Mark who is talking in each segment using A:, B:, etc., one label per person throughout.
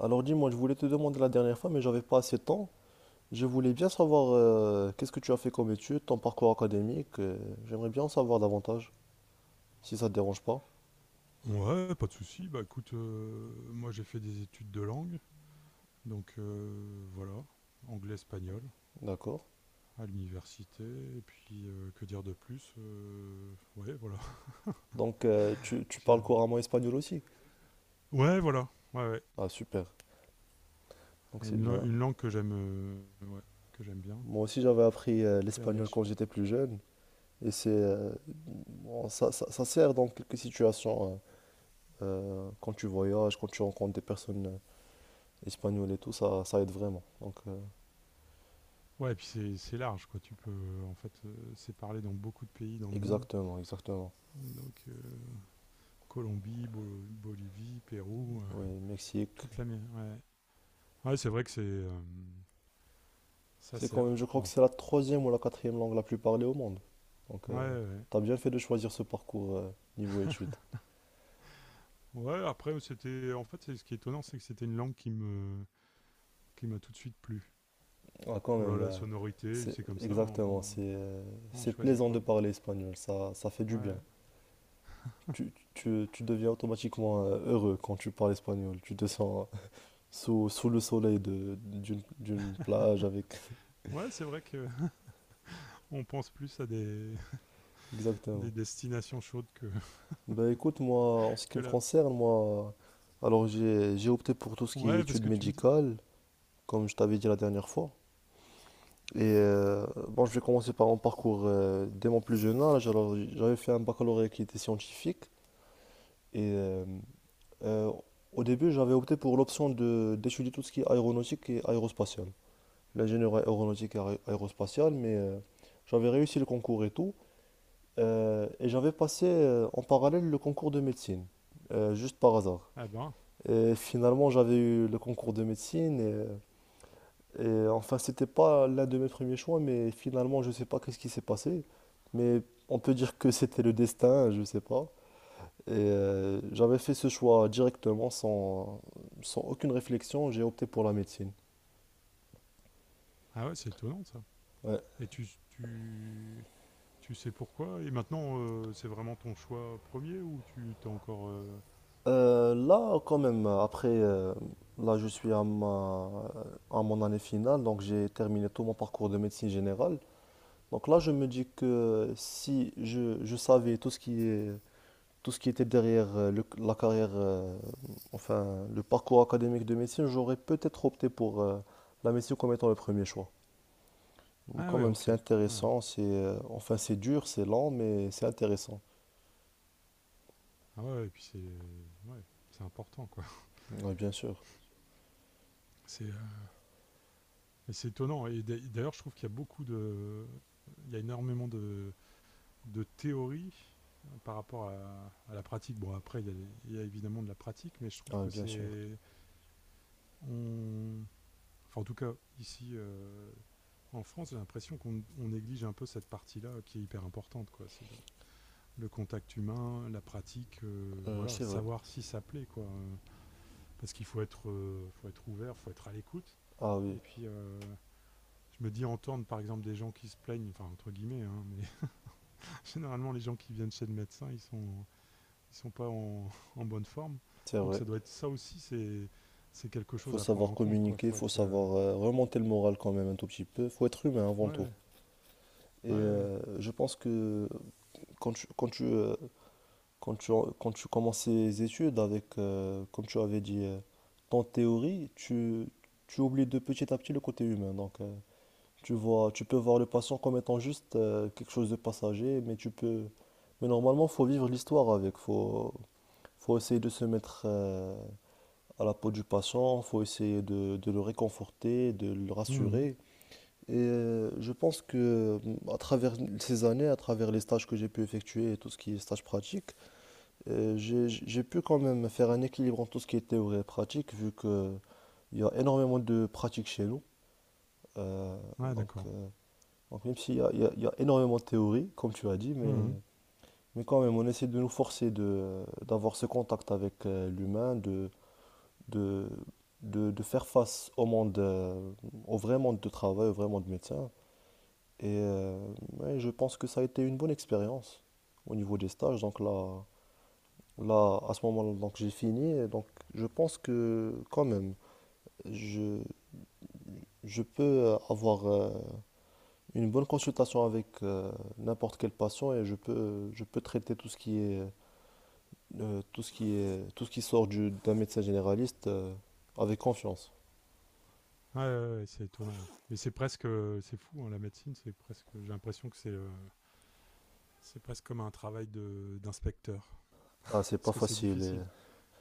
A: Alors dis-moi, je voulais te demander la dernière fois, mais j'avais pas assez de temps. Je voulais bien savoir qu'est-ce que tu as fait comme études, ton parcours académique. J'aimerais bien en savoir davantage, si ça te dérange pas.
B: Ouais, pas de souci. Bah écoute, moi j'ai fait des études de langue, voilà, anglais-espagnol
A: D'accord.
B: à l'université. Et puis, que dire de plus? Ouais, voilà.
A: Donc tu
B: J'ai,
A: parles couramment espagnol aussi.
B: ouais, voilà, ouais, ouais,
A: Ah super. Donc c'est
B: une lan
A: bien.
B: une langue que j'aime, ouais, que j'aime bien,
A: Moi aussi j'avais appris
B: très
A: l'espagnol
B: riche.
A: quand j'étais plus jeune. Et c'est bon, ça sert dans quelques situations. Quand tu voyages, quand tu rencontres des personnes espagnoles et tout, ça aide vraiment. Donc
B: Ouais, et puis c'est large quoi. Tu peux, c'est parlé dans beaucoup de pays dans le monde,
A: exactement, exactement.
B: donc heu, Colombie, Bolo Bolivie, Pérou,
A: Oui, Mexique.
B: toute l'Amé ouais. Ouais, c'est vrai que ça
A: C'est quand
B: sert.
A: même, je crois que
B: Bon,
A: c'est la troisième ou la quatrième langue la plus parlée au monde. Donc,
B: ouais, ouais.
A: tu t'as bien fait de choisir ce parcours niveau études.
B: Ouais, après, c'était. En fait, c'est- ce qui est étonnant, c'est que c'était une langue qui m'a tout de suite plu.
A: Ah, quand
B: Voilà,
A: même,
B: la sonorité,
A: c'est
B: c'est comme ça, hein.
A: exactement,
B: Bon, on
A: c'est
B: choisit
A: plaisant de
B: pas.
A: parler espagnol, ça fait du bien.
B: Ouais.
A: Tu deviens automatiquement heureux quand tu parles espagnol. Tu te sens sous, sous le soleil de, d'une, d'une plage avec...
B: Ouais, c'est vrai que on pense plus à des
A: Exactement.
B: destinations chaudes
A: Ben écoute, moi, en ce qui
B: que
A: me
B: là.
A: concerne, moi, alors j'ai opté pour tout ce qui est
B: Ouais, parce
A: études
B: que tu me dis.
A: médicales, comme je t'avais dit la dernière fois. Et bon, je vais commencer par mon parcours dès mon plus jeune âge. Alors, j'avais fait un baccalauréat qui était scientifique. Et euh, au début, j'avais opté pour l'option de d'étudier tout ce qui est aéronautique et aérospatiale. L'ingénierie aéronautique et aérospatiale, mais j'avais réussi le concours et tout. Et j'avais passé en parallèle le concours de médecine, juste par hasard.
B: Ah ben.
A: Et finalement, j'avais eu le concours de médecine. Et enfin, c'était pas l'un de mes premiers choix, mais finalement, je sais pas qu'est-ce qui s'est passé. Mais on peut dire que c'était le destin, je sais pas. Et j'avais fait ce choix directement, sans aucune réflexion, j'ai opté pour la médecine.
B: Ah ouais, c'est étonnant ça.
A: Ouais.
B: Et tu sais pourquoi? Et maintenant, c'est vraiment ton choix premier ou tu t'es encore. Euh,
A: Là, quand même, après, là, je suis à mon année finale, donc j'ai terminé tout mon parcours de médecine générale. Donc là, je me dis que si je savais tout ce qui est tout ce qui était derrière la carrière, enfin le parcours académique de médecine, j'aurais peut-être opté pour la médecine comme étant le premier choix. Donc,
B: ah
A: quand
B: ouais,
A: même,
B: ok.
A: c'est
B: Ouais.
A: intéressant, c'est enfin c'est dur, c'est lent, mais c'est intéressant.
B: Ah ouais, et puis c'est. Ouais, c'est important quoi.
A: Oui, bien sûr.
B: C'est. Euh, mais c'est étonnant. Et d'ailleurs, je trouve qu'il y a beaucoup de. Il y a énormément de théories par rapport à la pratique. Bon, après, il y a évidemment de la pratique, mais je trouve
A: Ah oui,
B: que
A: bien sûr.
B: c'est. On... Enfin, en tout cas, ici, en France, j'ai l'impression qu'on on néglige un peu cette partie-là, qui est hyper importante, quoi. Le contact humain, la pratique, voilà,
A: C'est vrai.
B: savoir si ça plaît, quoi. Parce qu'il faut faut être ouvert, il faut être à l'écoute.
A: Ah oui,
B: Et puis, je me dis entendre par exemple des gens qui se plaignent, enfin entre guillemets, hein, mais généralement les gens qui viennent chez le médecin, ils sont pas en, en bonne forme.
A: c'est
B: Donc
A: vrai.
B: ça doit être ça aussi, c'est quelque
A: Il
B: chose
A: faut
B: à prendre
A: savoir
B: en compte, quoi.
A: communiquer, il
B: Faut
A: faut
B: être. Euh,
A: savoir remonter le moral quand même un tout petit peu. Il faut être humain avant tout.
B: ouais,
A: Et
B: ouais, ouais.
A: je pense que quand tu, quand tu, euh, Quand tu, quand tu commences ces études avec, comme tu avais dit, ton théorie, tu oublies de petit à petit le côté humain. Donc, tu vois, tu peux voir le patient comme étant juste quelque chose de passager, mais tu peux, mais normalement, faut vivre l'histoire avec. Faut essayer de se mettre à la peau du patient. Faut essayer de le réconforter, de le
B: Mhm.
A: rassurer. Et je pense que, à travers ces années, à travers les stages que j'ai pu effectuer et tout ce qui est stage pratique j'ai pu quand même faire un équilibre entre tout ce qui est théorie et pratique, vu que il y a énormément de pratiques chez nous. Euh,
B: Ouais,
A: donc,
B: d'accord.
A: euh, donc même s'il y a, il y a énormément de théorie, comme tu as dit,
B: Mhm.
A: mais quand même, on essaie de nous forcer de, d'avoir ce contact avec l'humain, de, de faire face au monde, au vrai monde de travail, au vrai monde de médecin. Et ouais, je pense que ça a été une bonne expérience au niveau des stages. Là, à ce moment-là, donc j'ai fini. Donc, je pense que quand même, je, je peux avoir une bonne consultation avec n'importe quel patient et je peux traiter tout ce qui est, tout ce qui sort d'un médecin généraliste avec confiance.
B: Ouais, ouais, ouais, c'est étonnant. Mais c'est presque, c'est fou, hein, la médecine, c'est presque. J'ai l'impression que c'est presque comme un travail de d'inspecteur,
A: Ah, c'est
B: parce
A: pas
B: que c'est
A: facile.
B: difficile.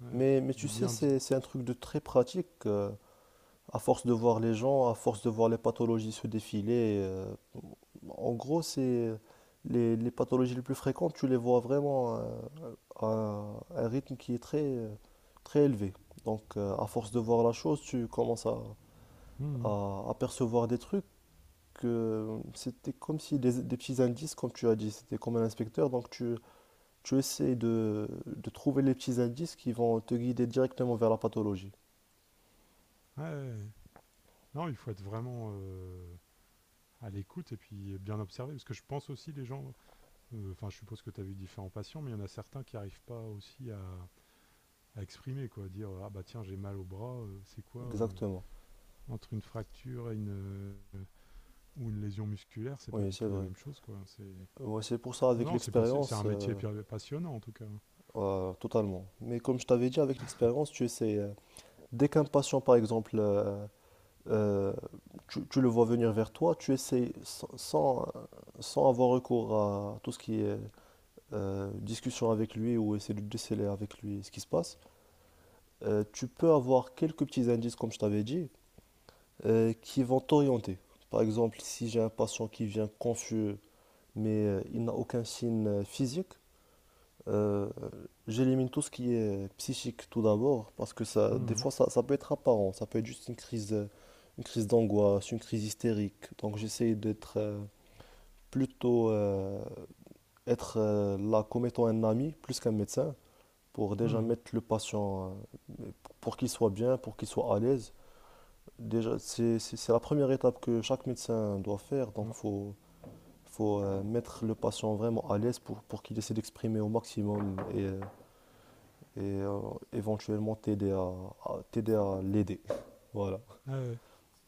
B: Ouais,
A: Mais tu
B: de
A: sais,
B: bien.
A: c'est un truc de très pratique. À force de voir les gens, à force de voir les pathologies se défiler, en gros, c'est les pathologies les plus fréquentes, tu les vois vraiment à un rythme qui est très élevé. Donc, à force de voir la chose, tu commences
B: Mhm.
A: à apercevoir des trucs que c'était comme si des petits indices, comme tu as dit, c'était comme un inspecteur. Donc, tu essaies de trouver les petits indices qui vont te guider directement vers la pathologie.
B: Ouais, ouais. Non, il faut être vraiment, à l'écoute et puis bien observer. Parce que je pense aussi les gens, enfin je suppose que tu as vu différents patients, mais il y en a certains qui n'arrivent pas aussi à exprimer, quoi, dire ah bah tiens j'ai mal au bras, c'est quoi,
A: Exactement.
B: entre une fracture et une, ou une lésion musculaire, c'est pas
A: Oui,
B: du
A: c'est
B: tout la
A: vrai.
B: même chose, quoi. C'est
A: Ouais, c'est pour ça,
B: non
A: avec
B: non c'est pas si, c'est
A: l'expérience,
B: un métier passionnant en tout cas.
A: totalement. Mais comme je t'avais dit, avec l'expérience, tu essaies. Dès qu'un patient, par exemple, euh, tu le vois venir vers toi, tu essaies sans avoir recours à tout ce qui est discussion avec lui ou essayer de déceler avec lui ce qui se passe, tu peux avoir quelques petits indices, comme je t'avais dit, qui vont t'orienter. Par exemple, si j'ai un patient qui vient confus, mais il n'a aucun signe physique. Euh, J'élimine tout ce qui est psychique tout d'abord, parce que ça, des
B: Mmh.
A: fois, ça peut être apparent, ça peut être juste une crise d'angoisse, une crise hystérique. Donc j'essaie d'être plutôt être là comme étant un ami plus qu'un médecin, pour déjà
B: Mmh.
A: mettre le patient, euh, pour qu'il soit bien, pour qu'il soit à l'aise. Déjà, c'est la première étape que chaque médecin doit faire, donc
B: Ouais.
A: faut mettre le patient vraiment à l'aise pour qu'il essaie d'exprimer au maximum et éventuellement t'aider à, t'aider à l'aider. Voilà.
B: Ah ouais.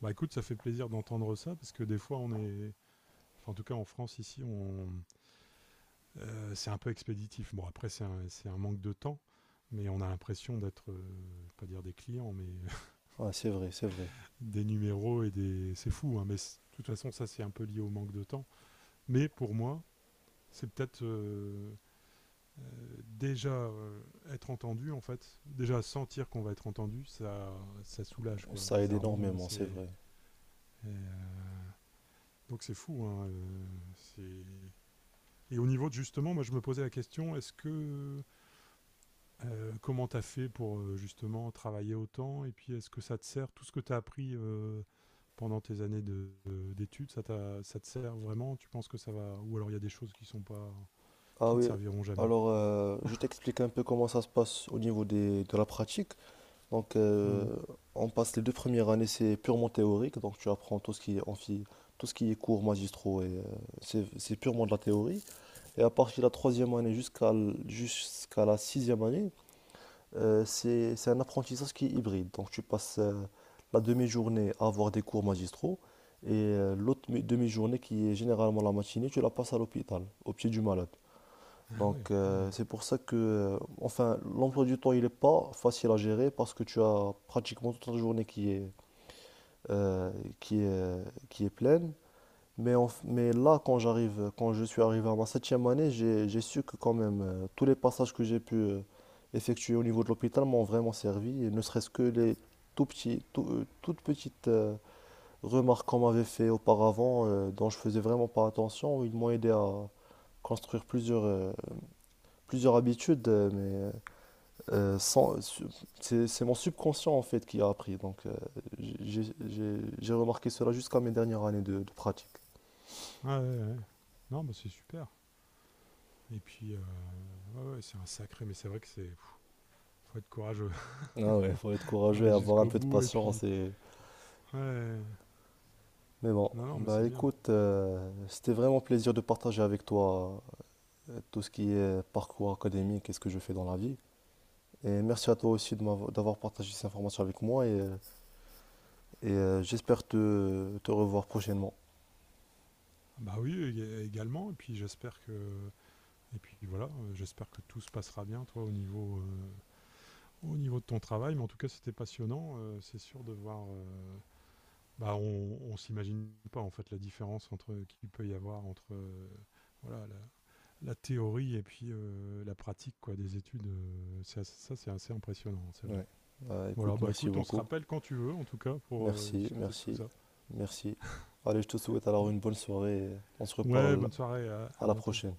B: Bah écoute, ça fait plaisir d'entendre ça parce que des fois on est, enfin en tout cas en France ici on, c'est un peu expéditif. Bon, après, c'est un manque de temps, mais on a l'impression d'être, je vais pas dire des clients, mais
A: Ah c'est vrai, c'est vrai.
B: des numéros et des. C'est fou, hein, mais de toute façon, ça, c'est un peu lié au manque de temps. Mais pour moi, c'est peut-être déjà, être entendu, en fait. Déjà sentir qu'on va être entendu, ça soulage, quoi.
A: Ça aide
B: Bizarrement,
A: énormément, c'est
B: c'est,
A: vrai.
B: euh, donc c'est fou, hein, c'est. Et au niveau de justement, moi je me posais la question, est-ce que comment tu as fait pour, justement travailler autant? Et puis est-ce que ça te sert tout ce que tu as appris, pendant tes années d'études? Ça te sert vraiment? Tu penses que ça va ou alors il y a des choses qui sont pas
A: Ah
B: qui te
A: oui,
B: serviront jamais?
A: alors je t'explique un peu comment ça se passe au niveau des, de la pratique. Donc
B: Mmh.
A: on passe les deux premières années, c'est purement théorique, donc tu apprends tout ce qui est amphi, tout ce qui est cours magistraux, et c'est purement de la théorie. Et à partir de la troisième année jusqu'à la sixième année, c'est un apprentissage qui est hybride. Donc tu passes la demi-journée à avoir des cours magistraux et l'autre demi-journée qui est généralement la matinée, tu la passes à l'hôpital, au pied du malade.
B: Ah ouais,
A: Donc
B: mmh.
A: c'est pour ça que, enfin, l'emploi du temps, il n'est pas facile à gérer parce que tu as pratiquement toute la journée qui est, euh, qui est, qui est pleine. Mais, mais là, quand je suis arrivé à ma septième année, j'ai su que quand même, tous les passages que j'ai pu effectuer au niveau de l'hôpital m'ont vraiment servi, et ne serait-ce que les tout petits, toutes petites remarques qu'on m'avait fait auparavant, dont je faisais vraiment pas attention, ils m'ont aidé à construire plusieurs, plusieurs habitudes, mais euh, sans, su- c'est mon subconscient en fait qui a appris. Donc, j'ai remarqué cela jusqu'à mes dernières années de pratique.
B: Ah ouais, ouais, ouais. Non, bah, c'est super. Et puis, ouais, ouais, c'est un sacré mais c'est vrai que c'est pff, faut être courageux
A: Ah ouais, faut être
B: pour
A: courageux et
B: aller
A: avoir un
B: jusqu'au
A: peu de
B: bout. Et
A: patience
B: puis
A: et...
B: ouais,
A: Mais bon,
B: non, non, mais c'est
A: bah
B: bien.
A: écoute, c'était vraiment un plaisir de partager avec toi tout ce qui est parcours académique et ce que je fais dans la vie. Et merci à toi aussi d'avoir partagé ces informations avec moi et j'espère te revoir prochainement.
B: Bah, oui, ég également. Et puis j'espère que, et puis voilà, j'espère que tout se passera bien, toi, au niveau de ton travail. Mais en tout cas, c'était passionnant, c'est sûr de voir, bah, on s'imagine pas en fait la différence entre qu'il peut y avoir entre voilà la théorie et puis la pratique quoi des études. Ça, c'est assez impressionnant, c'est vrai.
A: Ouais. Bah,
B: Voilà,
A: écoute,
B: bah
A: merci
B: écoute, on se
A: beaucoup.
B: rappelle quand tu veux, en tout cas, pour
A: Merci,
B: discuter de tout
A: merci,
B: ça.
A: merci. Allez, je te souhaite alors une bonne soirée et on se
B: Ouais,
A: reparle
B: bonne soirée, à
A: à la
B: bientôt.
A: prochaine.